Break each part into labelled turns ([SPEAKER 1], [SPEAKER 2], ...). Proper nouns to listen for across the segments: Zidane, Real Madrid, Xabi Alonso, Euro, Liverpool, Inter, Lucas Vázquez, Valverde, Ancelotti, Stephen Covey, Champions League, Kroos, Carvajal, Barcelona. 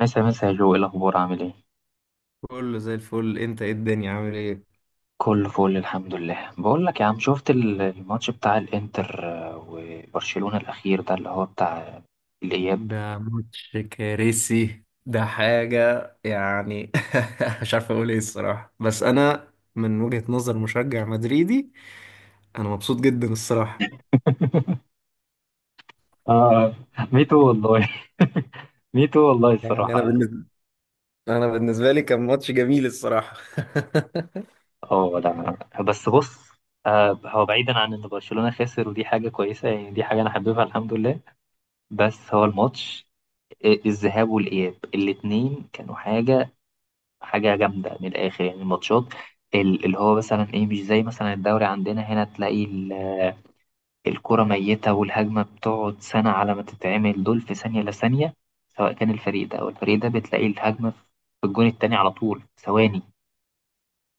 [SPEAKER 1] مسا مسا يا جو، إيه الاخبار؟ عامل ايه؟
[SPEAKER 2] كله زي الفل، انت ايه الدنيا عامل ايه؟
[SPEAKER 1] كله فل الحمد لله. بقول لك يا عم، شفت الماتش بتاع الانتر وبرشلونة الاخير ده اللي هو بتاع الاياب.
[SPEAKER 2] ده ماتش كارثي، ده حاجة يعني. مش عارف اقول ايه الصراحة، بس انا من وجهة نظر مشجع مدريدي انا مبسوط جدا الصراحة.
[SPEAKER 1] اه، ميتو والله. ميتو والله
[SPEAKER 2] يعني انا
[SPEAKER 1] الصراحة.
[SPEAKER 2] بالنسبة انا بالنسبة لي كان ماتش جميل الصراحة.
[SPEAKER 1] اه لا، بس بص، هو بعيدا عن ان برشلونة خسر ودي حاجة كويسة، يعني دي حاجة انا حاببها الحمد لله. بس هو الماتش، الذهاب والاياب الاتنين كانوا حاجة جامدة من الآخر، يعني الماتشات اللي هو مثلا إيه، مش زي مثلا الدوري عندنا هنا، تلاقي الكرة ميتة والهجمة بتقعد سنة على ما تتعمل، دول في ثانية لثانية، سواء كان الفريق ده أو الفريق ده، بتلاقي الهجمة في الجون التاني على طول، ثواني.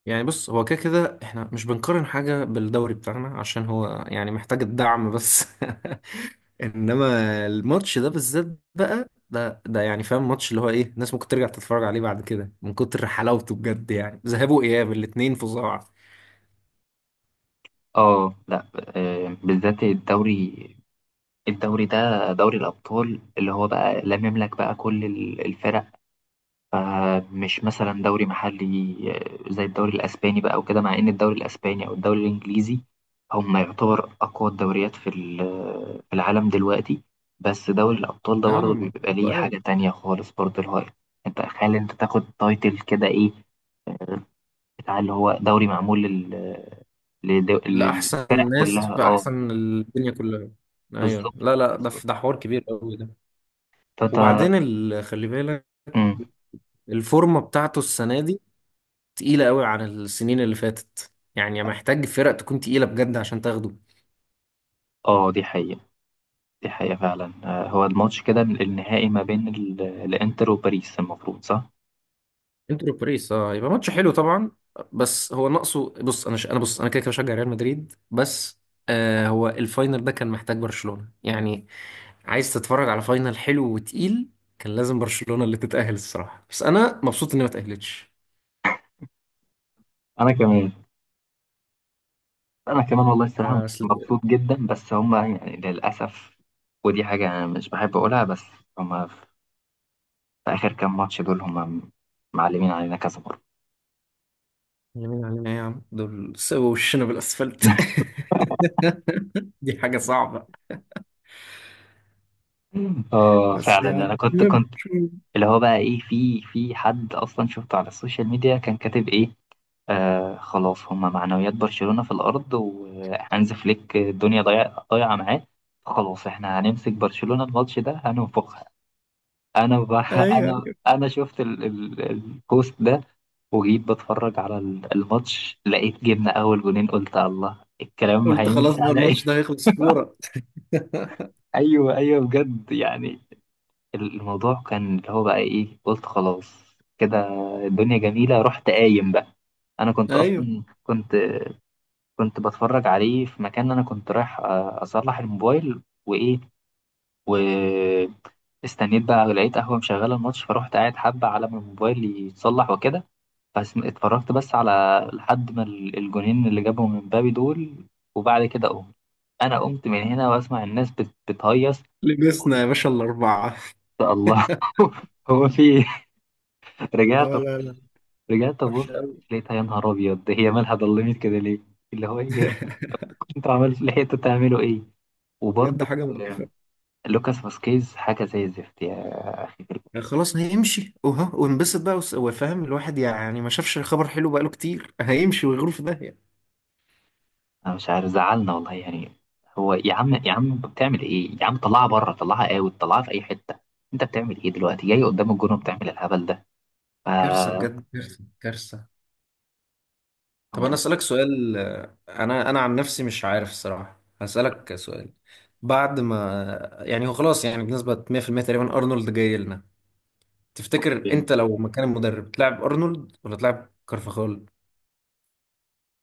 [SPEAKER 2] يعني بص، هو كده كده احنا مش بنقارن حاجة بالدوري بتاعنا عشان هو يعني محتاج الدعم بس. انما الماتش ده بالذات، بقى ده يعني فاهم، ماتش اللي هو ايه الناس ممكن ترجع تتفرج عليه بعد كده من كتر حلاوته بجد، يعني ذهاب واياب الاتنين فظاع.
[SPEAKER 1] اه لا، بالذات الدوري. الدوري ده دوري الأبطال اللي هو بقى لمم لك بقى كل الفرق، فمش مثلا دوري محلي زي الدوري الاسباني بقى وكده. مع ان الدوري الاسباني او الدوري الانجليزي هم يعتبر اقوى الدوريات في العالم دلوقتي، بس دوري الابطال ده برضه
[SPEAKER 2] نعم.
[SPEAKER 1] بيبقى ليه
[SPEAKER 2] سؤال.
[SPEAKER 1] حاجه تانية خالص، برضه الهاي. انت تخيل انت تاخد تايتل كده، ايه بتاع اللي هو دوري معمول لل... للفرق
[SPEAKER 2] لأحسن ناس
[SPEAKER 1] كلها؟
[SPEAKER 2] في
[SPEAKER 1] اه،
[SPEAKER 2] أحسن الدنيا كلها. أيوه،
[SPEAKER 1] بالظبط،
[SPEAKER 2] لا لا، ده
[SPEAKER 1] بالظبط.
[SPEAKER 2] ده حوار كبير قوي ده.
[SPEAKER 1] تاتا.
[SPEAKER 2] وبعدين خلي بالك،
[SPEAKER 1] مم.
[SPEAKER 2] الفورمة بتاعته السنة دي تقيلة قوي عن السنين اللي فاتت، يعني محتاج فرق تكون تقيلة بجد عشان تاخده.
[SPEAKER 1] اه دي حقيقة، دي حقيقة فعلا. هو الماتش كده النهائي ما بين الانتر وباريس المفروض، صح؟
[SPEAKER 2] انتر وباريس، اه، يبقى ماتش حلو طبعا. بس هو ناقصه. بص انا انا بص، انا كده كده بشجع ريال مدريد بس. هو الفاينل ده كان محتاج برشلونة يعني، عايز تتفرج على فاينل حلو وتقيل. كان لازم برشلونة اللي تتأهل الصراحة، بس انا مبسوط اني ما تأهلتش.
[SPEAKER 1] انا كمان، انا كمان والله الصراحه
[SPEAKER 2] اصل.
[SPEAKER 1] مبسوط جدا، بس هما يعني للاسف. ودي حاجه انا مش بحب اقولها، بس هما في اخر كام ماتش دول هما معلمين علينا كذا مره.
[SPEAKER 2] يمين علينا ايه يا عم، دول سووا وشنا بالاسفلت. دي حاجة صعبة.
[SPEAKER 1] اه
[SPEAKER 2] بس
[SPEAKER 1] فعلا. انا
[SPEAKER 2] يعني
[SPEAKER 1] كنت
[SPEAKER 2] يلا،
[SPEAKER 1] كنت
[SPEAKER 2] شو.
[SPEAKER 1] اللي هو بقى ايه، في حد اصلا شفته على السوشيال ميديا كان كاتب ايه: آه خلاص هما معنويات برشلونه في الارض، وهانز فليك ضايعه معاه، خلاص احنا هنمسك برشلونه الماتش ده هننفخ. انا ب...
[SPEAKER 2] ايوه،
[SPEAKER 1] انا
[SPEAKER 2] ايوه،
[SPEAKER 1] انا شفت البوست ده، وجيت بتفرج على الماتش، لقيت جبنا اول جونين، قلت الله الكلام
[SPEAKER 2] قلت خلاص
[SPEAKER 1] هيمشي
[SPEAKER 2] بقى
[SPEAKER 1] على
[SPEAKER 2] الماتش
[SPEAKER 1] ايه.
[SPEAKER 2] ده هيخلص فورة.
[SPEAKER 1] ايوه ايوه بجد يعني. الموضوع كان اللي هو بقى ايه، قلت خلاص كده الدنيا جميله، رحت قايم بقى. انا كنت
[SPEAKER 2] ايوه،
[SPEAKER 1] اصلا كنت كنت بتفرج عليه في مكان، انا كنت رايح اصلح الموبايل وايه، واستنيت بقى، لقيت قهوه مشغله الماتش فروحت قاعد حبه على ما الموبايل يتصلح وكده. بس اتفرجت بس على، لحد ما الجونين اللي جابهم من مبابي دول. وبعد كده قمت، انا قمت من هنا واسمع الناس بتهيص.
[SPEAKER 2] لبسنا يا باشا الاربعة.
[SPEAKER 1] يا الله. هو في إيه؟ رجعت،
[SPEAKER 2] اه، لا لا،
[SPEAKER 1] رجعت ابص
[SPEAKER 2] وحشة أوي.
[SPEAKER 1] لقيتها، يا نهار ابيض، ده هي مالها ضلمت كده ليه؟ اللي هو ايه، كنتوا عملت لحقتوا تعملوا ايه؟
[SPEAKER 2] بجد
[SPEAKER 1] وبرضه
[SPEAKER 2] حاجة
[SPEAKER 1] آه،
[SPEAKER 2] مقرفة.
[SPEAKER 1] لوكاس فاسكيز حاجه زي الزفت، يا
[SPEAKER 2] خلاص نمشي وها ونبسط بقى، وفاهم الواحد يعني، ما شافش خبر حلو بقاله كتير. هيمشي ويغور في داهية.
[SPEAKER 1] انا مش عارف زعلنا والله يعني. هو يا عم، يا عم انت بتعمل ايه يا عم؟ طلعها بره، طلعها اوت، طلعها في اي حته، انت بتعمل ايه دلوقتي جاي قدام الجون وبتعمل الهبل ده؟ ف
[SPEAKER 2] كارثة بجد، كارثة، كارثة. طب أنا
[SPEAKER 1] والله.
[SPEAKER 2] أسألك سؤال، أنا عن نفسي مش عارف الصراحة، هسألك سؤال. بعد ما يعني هو خلاص، يعني بنسبة 100% تقريبا أرنولد جاي لنا، تفتكر أنت لو مكان المدرب تلعب أرنولد ولا تلعب كارفاخال؟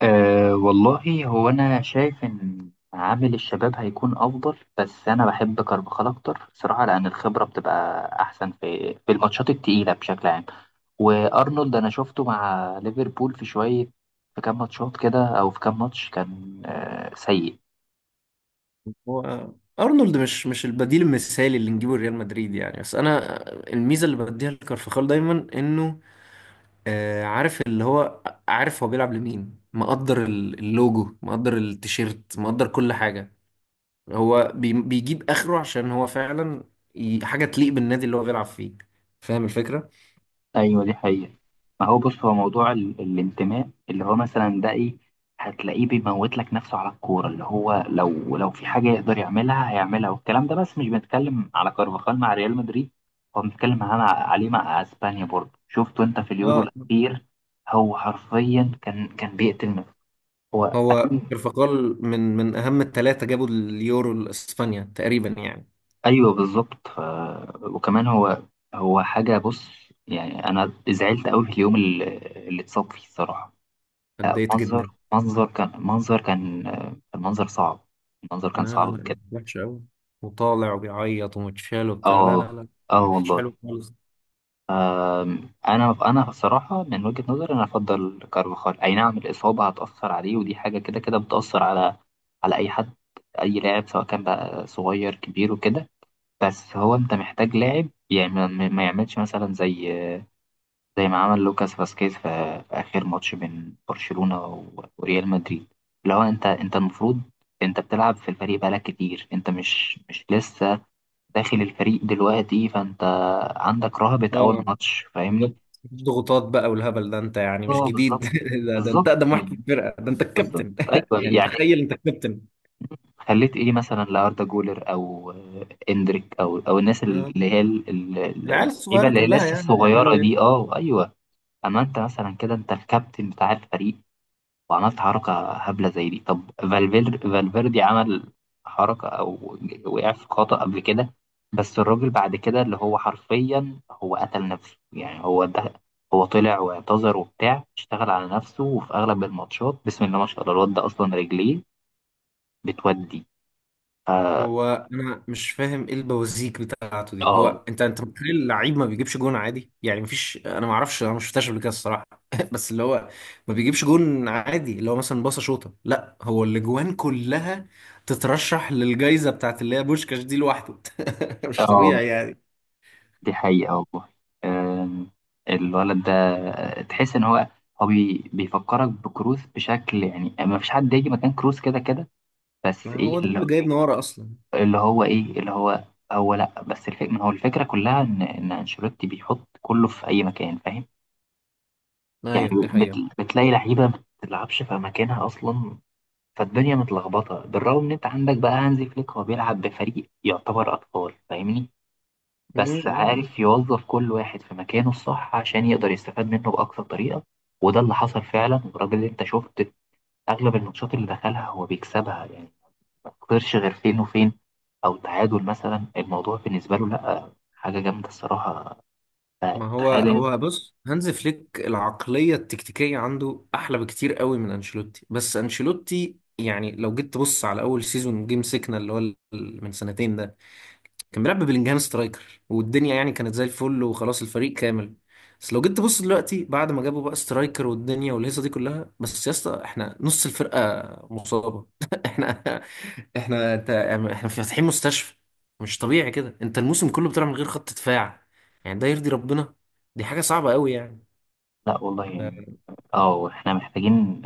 [SPEAKER 1] أه والله، هو انا شايف ان عامل الشباب هيكون افضل، بس انا بحب كارفاخال اكتر صراحه، لان الخبره بتبقى احسن في الماتشات التقيله بشكل عام. وارنولد انا شفته مع ليفربول في شويه، في كام ماتشات كده او في كام ماتش كان أه سيء.
[SPEAKER 2] هو ارنولد مش البديل المثالي اللي نجيبه ريال مدريد يعني، بس انا الميزه اللي بديها لكارفخال دايما انه آه، عارف اللي هو عارف هو بيلعب لمين، مقدر اللوجو، مقدر التيشيرت، مقدر كل حاجه. هو بيجيب اخره عشان هو فعلا حاجه تليق بالنادي اللي هو بيلعب فيه، فاهم الفكره.
[SPEAKER 1] ايوه دي حقيقة. ما هو بص، هو موضوع الانتماء اللي هو مثلا ده ايه، هتلاقيه بيموت لك نفسه على الكورة، اللي هو لو في حاجة يقدر يعملها هيعملها والكلام ده. بس مش بنتكلم على كارفاخال مع ريال مدريد، هو بنتكلم على... عليه مع اسبانيا، برضه شفته انت في اليورو
[SPEAKER 2] اه،
[SPEAKER 1] الأخير، هو حرفيا كان بيقتل نفسه. هو
[SPEAKER 2] هو كارفخال من اهم الثلاثه جابوا اليورو لاسبانيا تقريبا يعني.
[SPEAKER 1] ايوه بالظبط. ف... وكمان هو، هو حاجة، بص، يعني انا زعلت قوي في اليوم اللي، اللي اتصاب فيه الصراحة. لا،
[SPEAKER 2] اتضايقت
[SPEAKER 1] منظر،
[SPEAKER 2] جدا.
[SPEAKER 1] منظر كان، منظر كان، المنظر صعب، المنظر
[SPEAKER 2] لا
[SPEAKER 1] كان صعب
[SPEAKER 2] لا لا،
[SPEAKER 1] بجد.
[SPEAKER 2] وحش قوي. وطالع وبيعيط ومتشال وبتاع، لا لا
[SPEAKER 1] اه،
[SPEAKER 2] لا،
[SPEAKER 1] اه
[SPEAKER 2] مش
[SPEAKER 1] والله.
[SPEAKER 2] حلو خالص.
[SPEAKER 1] آم، انا بصراحه من وجهه نظري انا افضل كارفاخال. اي نعم الاصابه هتاثر عليه، ودي حاجه كده كده بتاثر على، على اي حد، اي لاعب، سواء كان بقى صغير كبير وكده. بس هو انت محتاج لاعب يعني ما يعملش مثلا زي، زي ما عمل لوكاس فاسكيز في، في آخر ماتش بين برشلونة وريال مدريد. اللي هو أنت المفروض، أنت بتلعب في الفريق بقالك كتير، أنت مش لسه داخل الفريق دلوقتي، فأنت عندك رهبة أول
[SPEAKER 2] اه،
[SPEAKER 1] ماتش فاهمني؟
[SPEAKER 2] بالظبط. مفيش ضغوطات بقى والهبل ده، انت يعني مش
[SPEAKER 1] اه
[SPEAKER 2] جديد.
[SPEAKER 1] بالظبط،
[SPEAKER 2] ده انت
[SPEAKER 1] بالظبط
[SPEAKER 2] اقدم واحد في
[SPEAKER 1] يعني،
[SPEAKER 2] الفرقه، ده انت
[SPEAKER 1] بالظبط.
[SPEAKER 2] الكابتن.
[SPEAKER 1] أيوه
[SPEAKER 2] يعني
[SPEAKER 1] يعني،
[SPEAKER 2] تخيل انت الكابتن.
[SPEAKER 1] خليت إيه مثلا لأردا جولر أو إندريك أو الناس اللي هي
[SPEAKER 2] آه. العيال
[SPEAKER 1] اللعيبة
[SPEAKER 2] الصغيره
[SPEAKER 1] اللي هي
[SPEAKER 2] كلها
[SPEAKER 1] لسه
[SPEAKER 2] يعني
[SPEAKER 1] الصغيرة
[SPEAKER 2] هيعملوا
[SPEAKER 1] دي،
[SPEAKER 2] ايه.
[SPEAKER 1] أه أيوه. أما أنت مثلا كده أنت الكابتن بتاع الفريق، وعملت حركة هبلة زي دي. طب فالفيردي عمل حركة أو وقع في خطأ قبل كده، بس الراجل بعد كده اللي هو حرفيا هو قتل نفسه يعني. هو ده، هو طلع واعتذر وبتاع، اشتغل على نفسه، وفي أغلب الماتشات بسم الله ما شاء الله الواد ده أصلا رجليه بتودي. اه،
[SPEAKER 2] هو انا مش فاهم ايه البوازيك بتاعته دي،
[SPEAKER 1] اه،
[SPEAKER 2] هو انت متخيل اللعيب ما بيجيبش جون عادي يعني؟ مفيش، انا ما اعرفش، انا ما شفتهاش قبل كده الصراحه. بس اللي هو ما بيجيبش جون عادي اللي هو مثلا باصه شوطه، لا هو الاجوان كلها تترشح للجائزه بتاعت اللي هي بوشكاش دي لوحده. مش طبيعي
[SPEAKER 1] آه،
[SPEAKER 2] يعني.
[SPEAKER 1] دي حقيقة والله. آم، الولد ده تحس إن هو، هو بيفكرك بكروس بشكل، يعني ما فيش حد يجي مكان كروس كده كده. بس
[SPEAKER 2] ما
[SPEAKER 1] ايه
[SPEAKER 2] هو ده
[SPEAKER 1] اللي،
[SPEAKER 2] اللي جايبنا ورا اصلا.
[SPEAKER 1] اللي هو ايه، اللي هو، هو لا بس ما هو الفكره كلها ان انشيلوتي بيحط كله في اي مكان فاهم، يعني
[SPEAKER 2] ايوه، دي
[SPEAKER 1] بت... بتلاقي لعيبه ما بتلعبش في مكانها اصلا، فالدنيا متلخبطه. بالرغم ان انت عندك بقى هانزي فليك، هو بيلعب بفريق يعتبر اطفال فاهمني، بس
[SPEAKER 2] حقيقه.
[SPEAKER 1] عارف يوظف كل واحد في مكانه الصح عشان يقدر يستفاد منه باقصى طريقه، وده اللي حصل فعلا. والراجل اللي انت شفت اغلب الماتشات اللي دخلها هو بيكسبها يعني، ما تخسرش غير فين وفين او تعادل مثلا، الموضوع بالنسبه له لا، حاجه جامده الصراحه.
[SPEAKER 2] ما هو
[SPEAKER 1] تخيل إن-
[SPEAKER 2] هو بص، هانز فليك العقلية التكتيكية عنده أحلى بكتير قوي من أنشيلوتي، بس أنشيلوتي يعني لو جيت تبص على أول سيزون جيم سيكنا، اللي هو من سنتين ده، كان بيلعب ببلينجهام سترايكر والدنيا يعني كانت زي الفل، وخلاص الفريق كامل. بس لو جيت تبص دلوقتي، بعد ما جابوا بقى سترايكر والدنيا والهيصه دي كلها، بس يا اسطى احنا نص الفرقه مصابه. احنا احنا انت يعني، احنا فاتحين مستشفى. مش طبيعي كده انت الموسم كله بتلعب من غير خط دفاع، يعني ده يرضي ربنا؟ دي حاجه صعبه قوي يعني.
[SPEAKER 1] لا والله يعني.
[SPEAKER 2] ده
[SPEAKER 1] اه احنا محتاجين،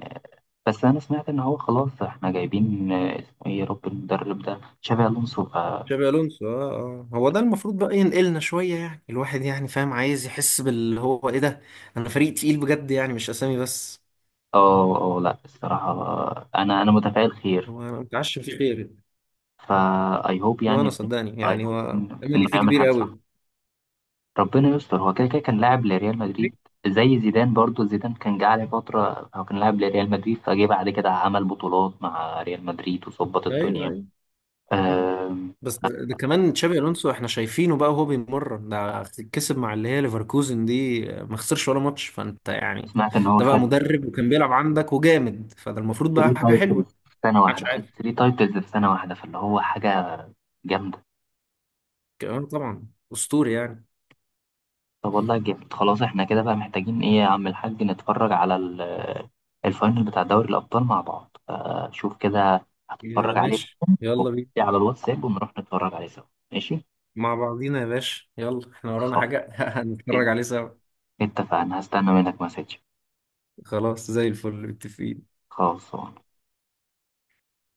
[SPEAKER 1] بس انا سمعت ان هو خلاص احنا جايبين، اسمه ايه يا رب المدرب ده، تشابي الونسو، ف اه.
[SPEAKER 2] تشابي الونسو، اه اه، هو ده المفروض بقى ينقلنا شوية يعني، الواحد يعني فاهم عايز يحس باللي هو ايه ده، انا فريق تقيل بجد يعني، مش اسامي بس.
[SPEAKER 1] اه لا الصراحه، انا متفائل خير.
[SPEAKER 2] هو انا متعشم فيه خير.
[SPEAKER 1] فا اي هوب
[SPEAKER 2] ما انا
[SPEAKER 1] يعني،
[SPEAKER 2] صدقني
[SPEAKER 1] اي
[SPEAKER 2] يعني،
[SPEAKER 1] هوب
[SPEAKER 2] هو املي
[SPEAKER 1] انه
[SPEAKER 2] فيه
[SPEAKER 1] يعمل
[SPEAKER 2] كبير
[SPEAKER 1] حاجه صح.
[SPEAKER 2] قوي.
[SPEAKER 1] ربنا يستر، هو كده كده كان لاعب لريال مدريد، زي زيدان برضو، زيدان كان جه عليه فترة هو كان لاعب لريال مدريد، فجه بعد كده عمل بطولات مع ريال مدريد وظبط
[SPEAKER 2] ايوه،
[SPEAKER 1] الدنيا.
[SPEAKER 2] ايوه. مم.
[SPEAKER 1] آم،
[SPEAKER 2] بس ده كمان تشابي الونسو احنا شايفينه بقى وهو بيمرن، ده كسب مع اللي هي ليفركوزن دي، ما خسرش ولا ماتش، فانت يعني
[SPEAKER 1] سمعت إن هو
[SPEAKER 2] ده بقى
[SPEAKER 1] خد
[SPEAKER 2] مدرب وكان بيلعب عندك وجامد، فده المفروض
[SPEAKER 1] 3
[SPEAKER 2] بقى حاجه
[SPEAKER 1] تايتلز
[SPEAKER 2] حلوه.
[SPEAKER 1] في سنة
[SPEAKER 2] محدش
[SPEAKER 1] واحدة، خد
[SPEAKER 2] عارف
[SPEAKER 1] 3 تايتلز في سنة واحدة، فاللي هو حاجة جامدة.
[SPEAKER 2] كمان طبعا، اسطوري يعني.
[SPEAKER 1] طب والله جامد. خلاص احنا كده بقى محتاجين ايه يا عم الحاج، نتفرج على الفاينل بتاع دوري الأبطال مع بعض، فشوف كده
[SPEAKER 2] يا
[SPEAKER 1] هتتفرج عليه
[SPEAKER 2] ماشي، يلا بينا.
[SPEAKER 1] على الواتساب ونروح نتفرج عليه سوا، ماشي؟
[SPEAKER 2] مع بعضينا يا باشا، يلا احنا ورانا
[SPEAKER 1] خلاص،
[SPEAKER 2] حاجه. هنتفرج عليه سوا.
[SPEAKER 1] اتفقنا، هستنى منك مسج.
[SPEAKER 2] خلاص، زي الفل، متفقين.
[SPEAKER 1] خلاص.